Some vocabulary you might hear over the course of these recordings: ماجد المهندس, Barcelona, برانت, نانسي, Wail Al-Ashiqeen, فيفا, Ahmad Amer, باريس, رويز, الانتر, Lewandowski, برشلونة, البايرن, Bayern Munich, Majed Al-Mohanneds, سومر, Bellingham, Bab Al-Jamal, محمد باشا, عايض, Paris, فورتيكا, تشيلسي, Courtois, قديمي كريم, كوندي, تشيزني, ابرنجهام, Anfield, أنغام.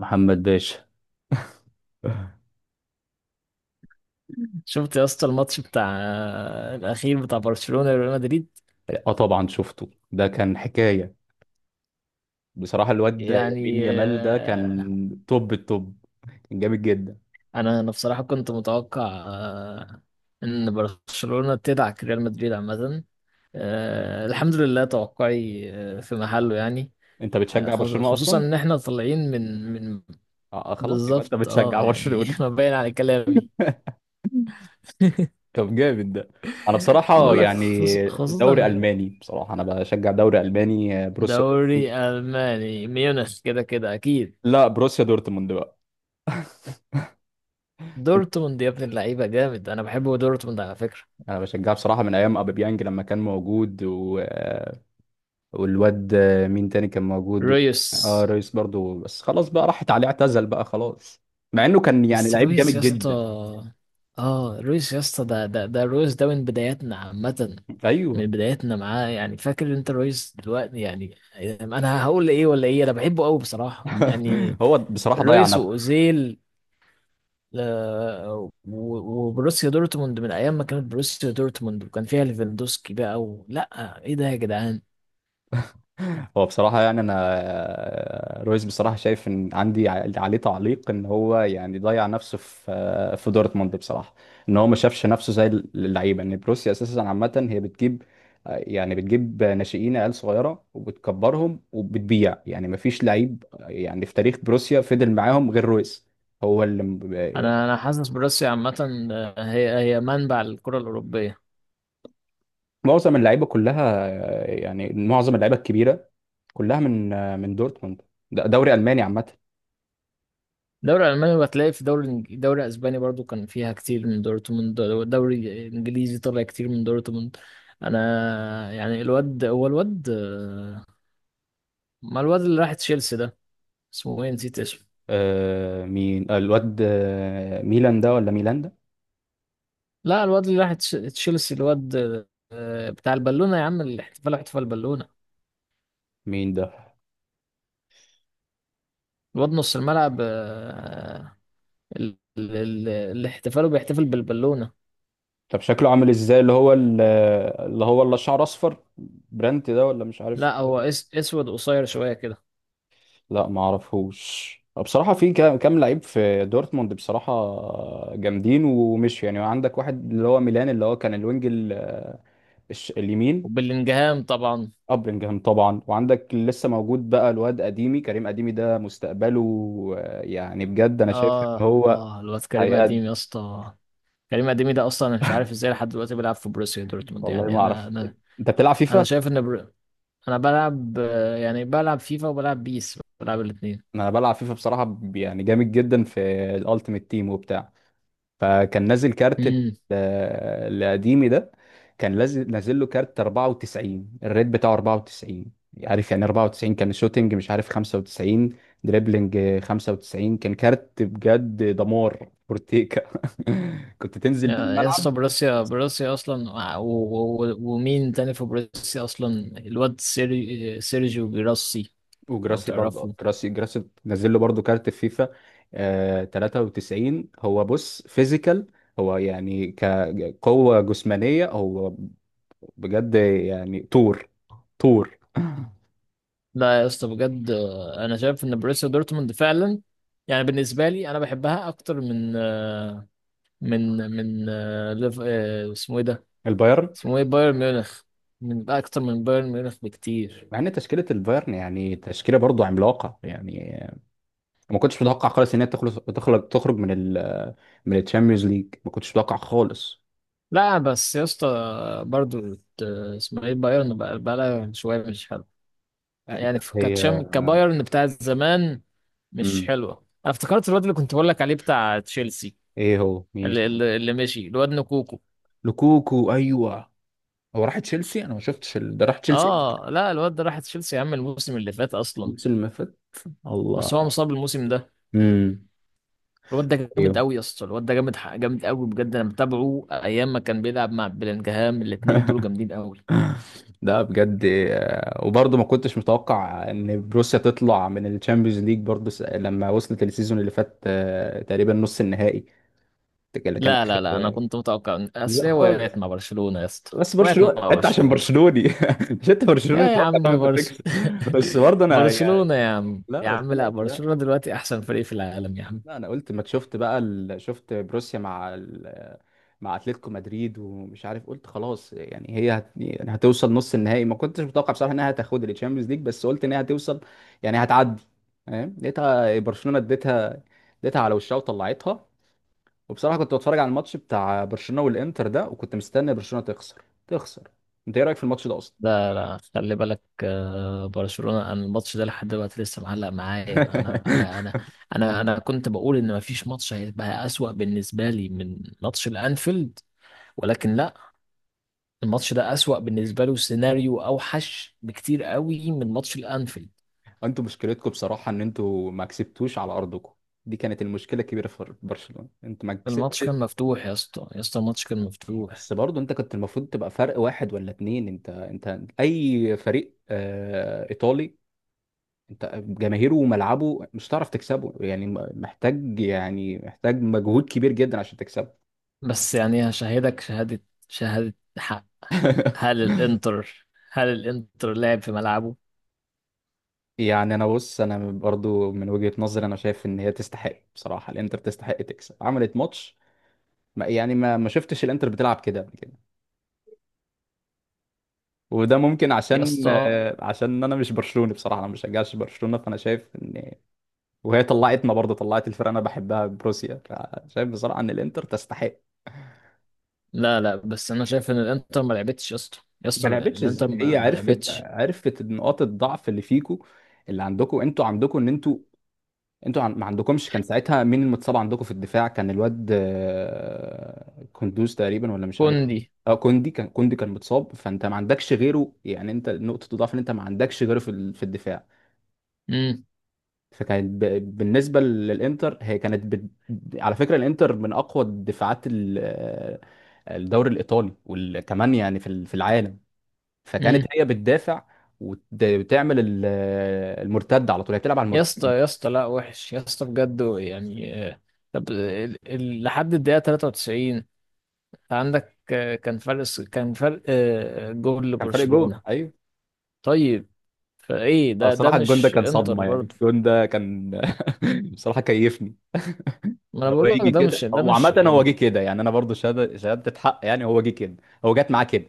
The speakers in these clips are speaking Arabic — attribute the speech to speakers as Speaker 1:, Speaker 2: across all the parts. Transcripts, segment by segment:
Speaker 1: محمد باشا.
Speaker 2: شفت يا اسطى الماتش بتاع الاخير بتاع برشلونة وريال مدريد؟
Speaker 1: اه، طبعا شفته، ده كان حكاية بصراحة. الواد
Speaker 2: يعني
Speaker 1: يمين يامال ده كان توب التوب، كان جامد جدا.
Speaker 2: انا بصراحة كنت متوقع آه، ان برشلونة تدعك ريال مدريد عامة. الحمد لله توقعي في محله يعني.
Speaker 1: انت بتشجع برشلونة
Speaker 2: خصوصا
Speaker 1: اصلا؟
Speaker 2: ان احنا طالعين من
Speaker 1: آه، خلاص يبقى انت
Speaker 2: بالظبط.
Speaker 1: بتشجع
Speaker 2: اه يعني
Speaker 1: برشلونة.
Speaker 2: ما باين على كلامي.
Speaker 1: طب جامد ده. انا بصراحة
Speaker 2: بقول لك
Speaker 1: يعني دوري
Speaker 2: خصوصا
Speaker 1: الماني، بصراحة انا بشجع دوري الماني، بروسيا دورتموند.
Speaker 2: دوري الماني ميونخ كده كده اكيد.
Speaker 1: لا، بروسيا دورتموند بقى.
Speaker 2: دورتموند يا ابن اللعيبه جامد، انا بحب دورتموند على فكره.
Speaker 1: انا بشجعها بصراحة من ايام ابيبيانج لما كان موجود و... آه، والواد، مين تاني كان موجود؟
Speaker 2: رويس.
Speaker 1: اه رئيس برضو، بس خلاص بقى، راحت عليه، اعتزل بقى خلاص، مع انه كان يعني
Speaker 2: بس
Speaker 1: لعيب
Speaker 2: رويس
Speaker 1: جامد
Speaker 2: يا اسطى،
Speaker 1: جدا.
Speaker 2: اه رويس يا اسطى ده رويس ده من بداياتنا عامه. من
Speaker 1: ايوه.
Speaker 2: بداياتنا معاه يعني، فاكر انت رويس دلوقتي يعني؟ انا هقول ايه ولا ايه، انا بحبه قوي بصراحه يعني.
Speaker 1: هو بصراحة ضيع
Speaker 2: رويس
Speaker 1: نفسه.
Speaker 2: واوزيل آه، و- وبروسيا دورتموند من ايام ما كانت بروسيا دورتموند وكان فيها ليفاندوسكي بقى لا، ايه ده يا جدعان؟
Speaker 1: هو بصراحة يعني أنا رويز بصراحة شايف إن عندي عليه تعليق، إن هو يعني ضيع نفسه في في دورتموند بصراحة. إن هو ما شافش نفسه زي اللعيبة، إن بروسيا أساسا عامة هي بتجيب يعني بتجيب ناشئين، عيال صغيرة، وبتكبرهم وبتبيع، يعني ما فيش لعيب يعني في تاريخ بروسيا فضل معاهم غير رويز. هو اللي
Speaker 2: انا حاسس بروسيا عامه هي منبع الكره الاوروبيه.
Speaker 1: معظم اللعيبة كلها، يعني معظم اللعيبة الكبيرة كلها من من دورتموند. ده دوري ألماني عامة.
Speaker 2: الدوري الالماني، بتلاقي في دوري اسباني برضو كان فيها كتير من دورتموند. دوري انجليزي طلع كتير من دورتموند. انا يعني الواد، هو الواد ما الواد اللي راح تشيلسي ده، اسمه ايه؟ نسيت اسمه.
Speaker 1: آه مين؟ الواد ميلان ده ولا ميلان ده؟
Speaker 2: لا الواد اللي راح تشيلسي، الواد بتاع البالونه يا عم، الاحتفال، احتفال بالونه.
Speaker 1: مين ده؟
Speaker 2: الواد نص الملعب، اللي احتفاله بيحتفل بالبالونه.
Speaker 1: طب شكله عامل ازاي اللي هو اللي هو اللي شعر اصفر، برانت ده ولا مش عارف.
Speaker 2: لا هو اسود قصير شويه كده.
Speaker 1: لا ما اعرفوش بصراحه. في كام لعيب في دورتموند بصراحه جامدين، ومش يعني. عندك واحد اللي هو ميلان اللي هو كان الوينج اليمين.
Speaker 2: وبلينجهام طبعا.
Speaker 1: ابرنجهام طبعا. وعندك اللي لسه موجود بقى الواد قديمي، كريم قديمي ده، مستقبله يعني بجد انا شايف ان
Speaker 2: اه
Speaker 1: هو
Speaker 2: اه الواد كريم اديم
Speaker 1: هيأدي.
Speaker 2: يا اسطى. كريم اديمي ده اصلا انا مش عارف ازاي لحد دلوقتي بيلعب في بروسيا دورتموند
Speaker 1: والله
Speaker 2: يعني،
Speaker 1: ما
Speaker 2: انا
Speaker 1: اعرف.
Speaker 2: انا
Speaker 1: انت بتلعب
Speaker 2: انا
Speaker 1: فيفا؟
Speaker 2: شايف ان برو... انا بلعب يعني بلعب فيفا وبلعب بيس، بلعب الاثنين.
Speaker 1: انا بلعب فيفا بصراحه، يعني جامد جدا في الالتيميت تيم وبتاع. فكان نازل كارت
Speaker 2: امم.
Speaker 1: القديمي ده، كان نازل، له كارت 94، الريت بتاعه 94، عارف يعني. 94 كان شوتنج، مش عارف، 95 دريبلينج. 95 كان كارت بجد دمار فورتيكا. كنت تنزل بيه
Speaker 2: يا اسطى،
Speaker 1: الملعب.
Speaker 2: بروسيا اصلا ومين تاني في بروسيا اصلا؟ الواد سيرجيو جيراسي، لو
Speaker 1: وجراسي برضه،
Speaker 2: تعرفه.
Speaker 1: جراسي نزل له برضه كارت في فيفا، آه 93. هو بص فيزيكال، هو يعني كقوة جسمانية، هو بجد يعني طور، طور.
Speaker 2: لا يا اسطى، بجد انا شايف ان بروسيا دورتموند فعلا، يعني بالنسبه لي انا بحبها اكتر من اسمه ايه ده؟
Speaker 1: البايرن.
Speaker 2: اسمه ايه، بايرن ميونخ؟ من اكتر من بايرن ميونخ بكتير.
Speaker 1: مع ان تشكيلة البايرن يعني تشكيلة برضه عملاقة يعني، ما كنتش متوقع خالص ان هي تخلص تخرج تخرج من ال من الشامبيونز ليج، ما كنتش متوقع خالص.
Speaker 2: لا بس يا اسطى، برضو ت- اسمه ايه، بايرن بقى؟ بقى شويه مش حلو
Speaker 1: آه،
Speaker 2: يعني،
Speaker 1: هي
Speaker 2: كتشام كبايرن بتاعت زمان، مش
Speaker 1: مم.
Speaker 2: حلوه. انا افتكرت الواد اللي كنت بقول لك عليه بتاع تشيلسي،
Speaker 1: ايه هو مين
Speaker 2: اللي,
Speaker 1: اسمه؟
Speaker 2: اللي, اللي مشي، الواد نكوكو.
Speaker 1: لوكوكو، ايوه. هو راح تشيلسي؟ انا ما شفتش ده راح تشيلسي.
Speaker 2: اه لا، الواد ده راح تشيلسي يا عم الموسم اللي فات اصلا.
Speaker 1: نفس المفت.
Speaker 2: بس هو
Speaker 1: الله.
Speaker 2: مصاب الموسم ده.
Speaker 1: امم.
Speaker 2: الواد ده جامد
Speaker 1: ايوه.
Speaker 2: قوي يا اسطى، الواد ده جامد قوي بجد. انا متابعه ايام ما كان بيلعب مع بلينجهام، الاتنين دول جامدين قوي.
Speaker 1: ده بجد، وبرضه ما كنتش متوقع ان بروسيا تطلع من الشامبيونز ليج برضه، لما وصلت السيزون اللي فات تقريبا نص النهائي اللي كان
Speaker 2: لا
Speaker 1: اخر.
Speaker 2: لا لا، انا كنت متوقع، ان اصل
Speaker 1: لا
Speaker 2: هي وقعت
Speaker 1: خالص.
Speaker 2: مع برشلونة يا اسطى.
Speaker 1: بس
Speaker 2: وقعت
Speaker 1: برشلونه،
Speaker 2: مع
Speaker 1: انت عشان
Speaker 2: برشلونة.
Speaker 1: برشلوني. مش انت
Speaker 2: يا
Speaker 1: برشلوني؟
Speaker 2: يا
Speaker 1: متوقع
Speaker 2: عم
Speaker 1: طبعا انت
Speaker 2: برش.
Speaker 1: تكسب. بس برضه انا يعني،
Speaker 2: برشلونة يا عم،
Speaker 1: لا
Speaker 2: يا
Speaker 1: بس
Speaker 2: عم
Speaker 1: انا
Speaker 2: لا،
Speaker 1: قلت
Speaker 2: برشلونة
Speaker 1: لا،
Speaker 2: دلوقتي احسن فريق في العالم يا عم.
Speaker 1: لا انا قلت ما شفت بقى شفت بروسيا مع مع اتلتيكو مدريد، ومش عارف، قلت خلاص يعني هي يعني هتوصل نص النهائي. ما كنتش متوقع بصراحه انها هتاخد الشامبيونز ليج، بس قلت انها هتوصل، يعني هتعدي، فاهم؟ لقيتها برشلونه اديتها، اديتها على وشها وطلعتها. وبصراحه كنت بتفرج على الماتش بتاع برشلونه والانتر ده، وكنت مستني برشلونه تخسر. انت ايه رايك في الماتش ده اصلا؟
Speaker 2: لا لا، خلي بالك برشلونة، انا الماتش ده لحد دلوقتي لسه معلق معايا. انا انا انا انا انا كنت بقول ان مفيش ماتش هيبقى اسوأ بالنسبة لي من ماتش الانفيلد، ولكن لا. الماتش ده أسوأ بالنسبة له، سيناريو أوحش بكتير قوي من ماتش الأنفيلد.
Speaker 1: انتوا مشكلتكم بصراحة ان انتوا ما كسبتوش على ارضكم. دي كانت المشكلة الكبيرة في برشلونة، انتوا ما
Speaker 2: الماتش كان
Speaker 1: كسبتش.
Speaker 2: مفتوح يا اسطى، يا اسطى الماتش كان مفتوح.
Speaker 1: بس برضه انت كنت المفروض تبقى فرق واحد ولا اتنين. انت اي فريق آه ايطالي، انت جماهيره وملعبه مش هتعرف تكسبه يعني، محتاج يعني محتاج مجهود كبير جدا عشان تكسبه.
Speaker 2: بس يعني هشهدك شهادة، شهادة حق. هل الإنتر هل الإنتر لعب في ملعبه؟
Speaker 1: يعني انا بص، انا برضو من وجهة نظري انا شايف ان هي تستحق بصراحة، الانتر تستحق تكسب، عملت ماتش ما يعني ما شفتش الانتر بتلعب كده قبل كده. وده ممكن
Speaker 2: يا
Speaker 1: عشان
Speaker 2: اسطى
Speaker 1: عشان انا مش برشلوني بصراحه، انا ما بشجعش برشلونه، فانا شايف ان، وهي طلعتنا برضه، طلعت الفرقه انا بحبها بروسيا، فشايف بصراحه ان الانتر تستحق.
Speaker 2: لا لا، بس أنا شايف إن الإنتر ما لعبتش يا اسطى، يا
Speaker 1: ما
Speaker 2: اسطى
Speaker 1: لعبتش
Speaker 2: الإنتر
Speaker 1: ازاي؟ هي
Speaker 2: ما
Speaker 1: عرفت،
Speaker 2: لعبتش.
Speaker 1: نقاط الضعف اللي فيكو، اللي عندكم. انتوا عندكم ان انتوا ما عندكمش. كان ساعتها مين المتصاب عندكم في الدفاع؟ كان الواد كندوز تقريبا ولا مش عارف.
Speaker 2: كوندي.
Speaker 1: اه كوندي، كان كوندي كان متصاب، فانت ما عندكش غيره يعني. انت نقطه الضعف ان انت ما عندكش غيره في في الدفاع.
Speaker 2: امم.
Speaker 1: فكانت بالنسبه للانتر، هي كانت على فكره الانتر من اقوى الدفاعات الدوري الايطالي، وكمان يعني في في العالم. فكانت
Speaker 2: امم.
Speaker 1: هي بتدافع، وتعمل المرتده على طول، هي بتلعب على
Speaker 2: يا
Speaker 1: المرتده.
Speaker 2: اسطى يا اسطى لا، وحش يا اسطى بجد يعني طب لحد الدقيقة 93 عندك كان فرق جول
Speaker 1: كان فرق جون،
Speaker 2: لبرشلونة.
Speaker 1: ايوه.
Speaker 2: طيب، فايه
Speaker 1: اه
Speaker 2: ده
Speaker 1: الصراحه الجون ده
Speaker 2: مش
Speaker 1: كان
Speaker 2: انتر
Speaker 1: صدمه، يعني
Speaker 2: برضه؟
Speaker 1: الجون ده كان... بصراحه كيفني.
Speaker 2: ما انا
Speaker 1: هو
Speaker 2: بقول لك،
Speaker 1: يجي
Speaker 2: ده مش
Speaker 1: كده،
Speaker 2: ده
Speaker 1: هو
Speaker 2: مش
Speaker 1: عامه هو جه
Speaker 2: يعني.
Speaker 1: كده، يعني انا برضو شهاده، شهاده حق يعني، هو جه كده. هو جت معاه كده،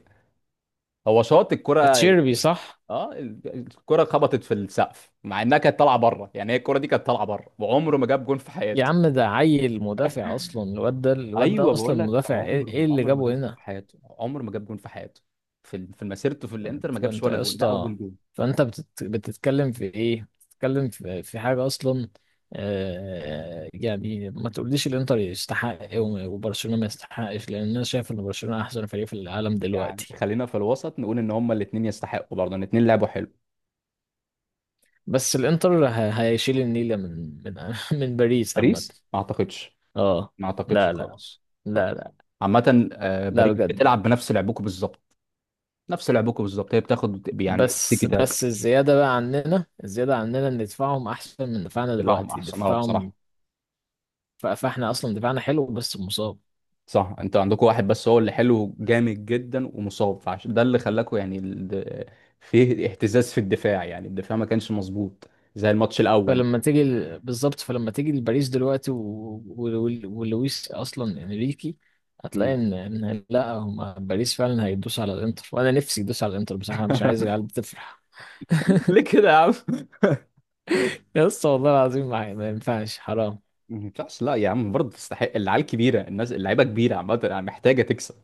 Speaker 1: هو شاط الكرة.
Speaker 2: اتشيربي صح؟
Speaker 1: اه الكرة خبطت في السقف مع انها كانت طالعة بره، يعني هي الكرة دي كانت طالعة بره. وعمره ما جاب جون في
Speaker 2: يا
Speaker 1: حياته.
Speaker 2: عم ده عيل مدافع اصلا، الواد ده الواد
Speaker 1: ايوه
Speaker 2: ده اصلا
Speaker 1: بقول لك،
Speaker 2: مدافع، إيه
Speaker 1: عمره
Speaker 2: اللي
Speaker 1: عمره ما جاب
Speaker 2: جابه
Speaker 1: جون
Speaker 2: هنا؟
Speaker 1: في حياته، عمره ما جاب جون في حياته في في مسيرته في الانتر، ما جابش
Speaker 2: فانت
Speaker 1: ولا
Speaker 2: يا
Speaker 1: جون، ده
Speaker 2: اسطى،
Speaker 1: اول جون.
Speaker 2: فانت بتتكلم في ايه؟ بتتكلم في حاجة اصلا؟ يعني ما تقوليش الانتر يستحق وبرشلونة ما يستحقش، لان انا شايف ان برشلونة احسن فريق في العالم
Speaker 1: يعني
Speaker 2: دلوقتي.
Speaker 1: خلينا في الوسط نقول ان هما الاثنين يستحقوا برضه، ان الاثنين لعبوا حلو.
Speaker 2: بس الانتر هيشيل النيلة من من باريس عامة.
Speaker 1: باريس؟ ما اعتقدش،
Speaker 2: اه
Speaker 1: ما اعتقدش
Speaker 2: لا لا
Speaker 1: خالص،
Speaker 2: لا.
Speaker 1: خالص.
Speaker 2: لا
Speaker 1: عامة
Speaker 2: لا.
Speaker 1: باريس
Speaker 2: بجد.
Speaker 1: بتلعب بنفس لعبكم بالظبط، نفس لعبكم بالظبط. هي بتاخد يعني
Speaker 2: بس
Speaker 1: تيكي تاك.
Speaker 2: بس الزيادة بقى عننا، الزيادة عننا ان دفاعهم احسن من دفاعنا
Speaker 1: دفاعهم
Speaker 2: دلوقتي،
Speaker 1: احسن، اه
Speaker 2: دفاعهم.
Speaker 1: بصراحة.
Speaker 2: فاحنا اصلا دفاعنا حلو بس مصاب.
Speaker 1: صح، انتوا عندكم واحد بس هو اللي حلو، جامد جدا ومصاب، فعشان ده اللي خلاكوا يعني، فيه اهتزاز في الدفاع، يعني الدفاع ما كانش مظبوط زي الماتش الاول.
Speaker 2: بالظبط، فلما تيجي لباريس دلوقتي و... و... ولويس اصلا انريكي، هتلاقي
Speaker 1: مم.
Speaker 2: ان لا، هم باريس فعلا هيدوس على الانتر، وانا نفسي يدوس على الانتر بصراحة، أنا مش عايز العيال بتفرح.
Speaker 1: ليه كده يا عم؟
Speaker 2: يا اسطى، والله العظيم ما ينفعش، حرام.
Speaker 1: ما ينفعش؟ لا يا عم برضه تستحق، العيال كبيره، الناس اللعيبه كبيره عامه، يعني محتاجه تكسب.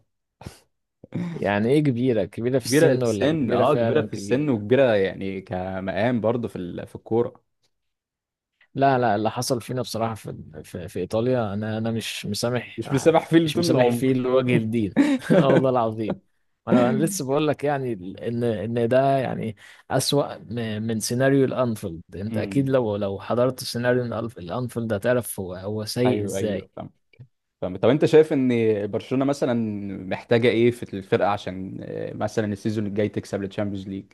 Speaker 2: يعني ايه كبيرة، كبيرة في
Speaker 1: كبيره في
Speaker 2: السن ولا
Speaker 1: السن،
Speaker 2: كبيرة
Speaker 1: اه كبيره
Speaker 2: فعلا
Speaker 1: في
Speaker 2: كبيرة؟
Speaker 1: السن وكبيره يعني كمقام برضه في في الكوره.
Speaker 2: لا لا، اللي حصل فينا بصراحة في ايطاليا، انا مش مسامح،
Speaker 1: مش بيسامح فيه
Speaker 2: مش
Speaker 1: طول
Speaker 2: مسامح
Speaker 1: العمر.
Speaker 2: فيه لوجه الدين. اه والله العظيم. انا
Speaker 1: مم.
Speaker 2: لسه بقول لك يعني ان ده يعني اسوأ من سيناريو الانفيلد. انت
Speaker 1: امم.
Speaker 2: اكيد لو حضرت سيناريو الانفيلد هتعرف هو سيء
Speaker 1: ايوه
Speaker 2: ازاي.
Speaker 1: ايوه فاهم، فاهم. طب انت شايف ان برشلونة مثلا محتاجة ايه في الفرقة عشان مثلا السيزون الجاي تكسب الشامبيونز ليج؟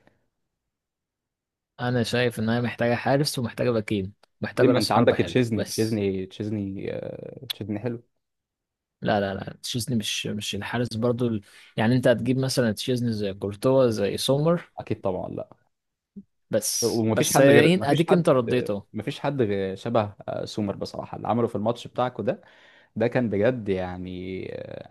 Speaker 2: انا شايف ان هي محتاجة حارس، ومحتاجة باكين،
Speaker 1: ليه،
Speaker 2: محتاجة
Speaker 1: ما انت
Speaker 2: راس
Speaker 1: عندك
Speaker 2: حربة حلو
Speaker 1: تشيزني،
Speaker 2: بس.
Speaker 1: تشيزني تشيزني حلو.
Speaker 2: لا لا لا، تشيزني، مش الحارس برضو يعني انت هتجيب مثلا تشيزني زي كورتوا زي سومر؟
Speaker 1: اكيد طبعا لا.
Speaker 2: بس
Speaker 1: ومفيش
Speaker 2: بس
Speaker 1: حد غير،
Speaker 2: اديك انت رديت اهو.
Speaker 1: مفيش حد غير شبه سومر بصراحة، اللي عمله في الماتش بتاعكو ده، ده كان بجد يعني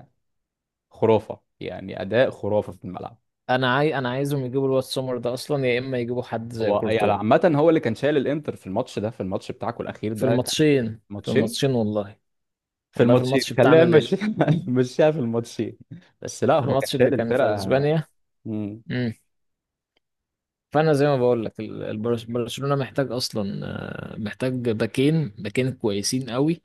Speaker 1: خرافة، يعني اداء خرافة في الملعب.
Speaker 2: انا عايزهم يجيبوا الواد سومر ده اصلا، يا اما يجيبوا حد زي
Speaker 1: هو يعني
Speaker 2: كورتوا.
Speaker 1: عامة هو اللي كان شايل الانتر في الماتش ده، في الماتش بتاعكو الاخير
Speaker 2: في
Speaker 1: ده، كان
Speaker 2: الماتشين، في
Speaker 1: ماتشين،
Speaker 2: الماتشين والله،
Speaker 1: في
Speaker 2: والله في
Speaker 1: الماتشين
Speaker 2: الماتش بتاعنا
Speaker 1: خلينا
Speaker 2: اللي،
Speaker 1: نمشيها. نمشيها في الماتشين. بس لا،
Speaker 2: في
Speaker 1: هو كان
Speaker 2: الماتش اللي
Speaker 1: شايل
Speaker 2: كان في
Speaker 1: الفرقه.
Speaker 2: اسبانيا.
Speaker 1: مم.
Speaker 2: امم. فانا زي ما بقول لك، برشلونة محتاج اصلا محتاج باكين، باكين كويسين قوي.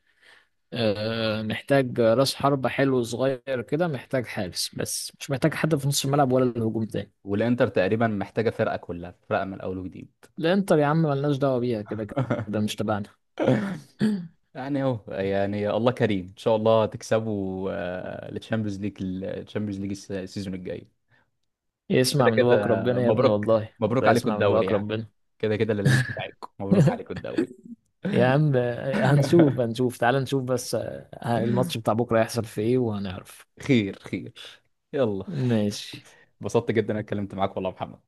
Speaker 2: محتاج راس حربة حلو صغير كده، محتاج حارس بس، مش محتاج حد في نص الملعب ولا الهجوم تاني.
Speaker 1: والانتر تقريبا محتاجه فرقه كلها، فرقه من الاول وجديد.
Speaker 2: الانتر يا عم ملناش دعوة بيها، كده كده مش تبعنا.
Speaker 1: يعني اهو، يعني الله كريم، ان شاء الله تكسبوا التشامبيونز ليج، التشامبيونز ليج السيزون الجاي.
Speaker 2: يسمع
Speaker 1: كده
Speaker 2: من
Speaker 1: كده
Speaker 2: بقك ربنا يا ابني،
Speaker 1: مبروك،
Speaker 2: والله
Speaker 1: مبروك
Speaker 2: والله
Speaker 1: عليكم
Speaker 2: يسمع من
Speaker 1: الدوري
Speaker 2: بقك
Speaker 1: يعني.
Speaker 2: ربنا.
Speaker 1: كده كده اللي ليج بتاعتكم، مبروك عليكم الدوري.
Speaker 2: يا عم هنشوف هنشوف، تعال نشوف بس الماتش بتاع بكرة هيحصل في ايه وهنعرف.
Speaker 1: خير خير. يلا.
Speaker 2: ماشي.
Speaker 1: اتبسطت جدا انا، اتكلمت معاك والله يا محمد.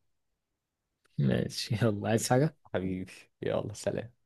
Speaker 2: ماشي يلا، عايز حاجة؟
Speaker 1: حبيبي، يلا سلام.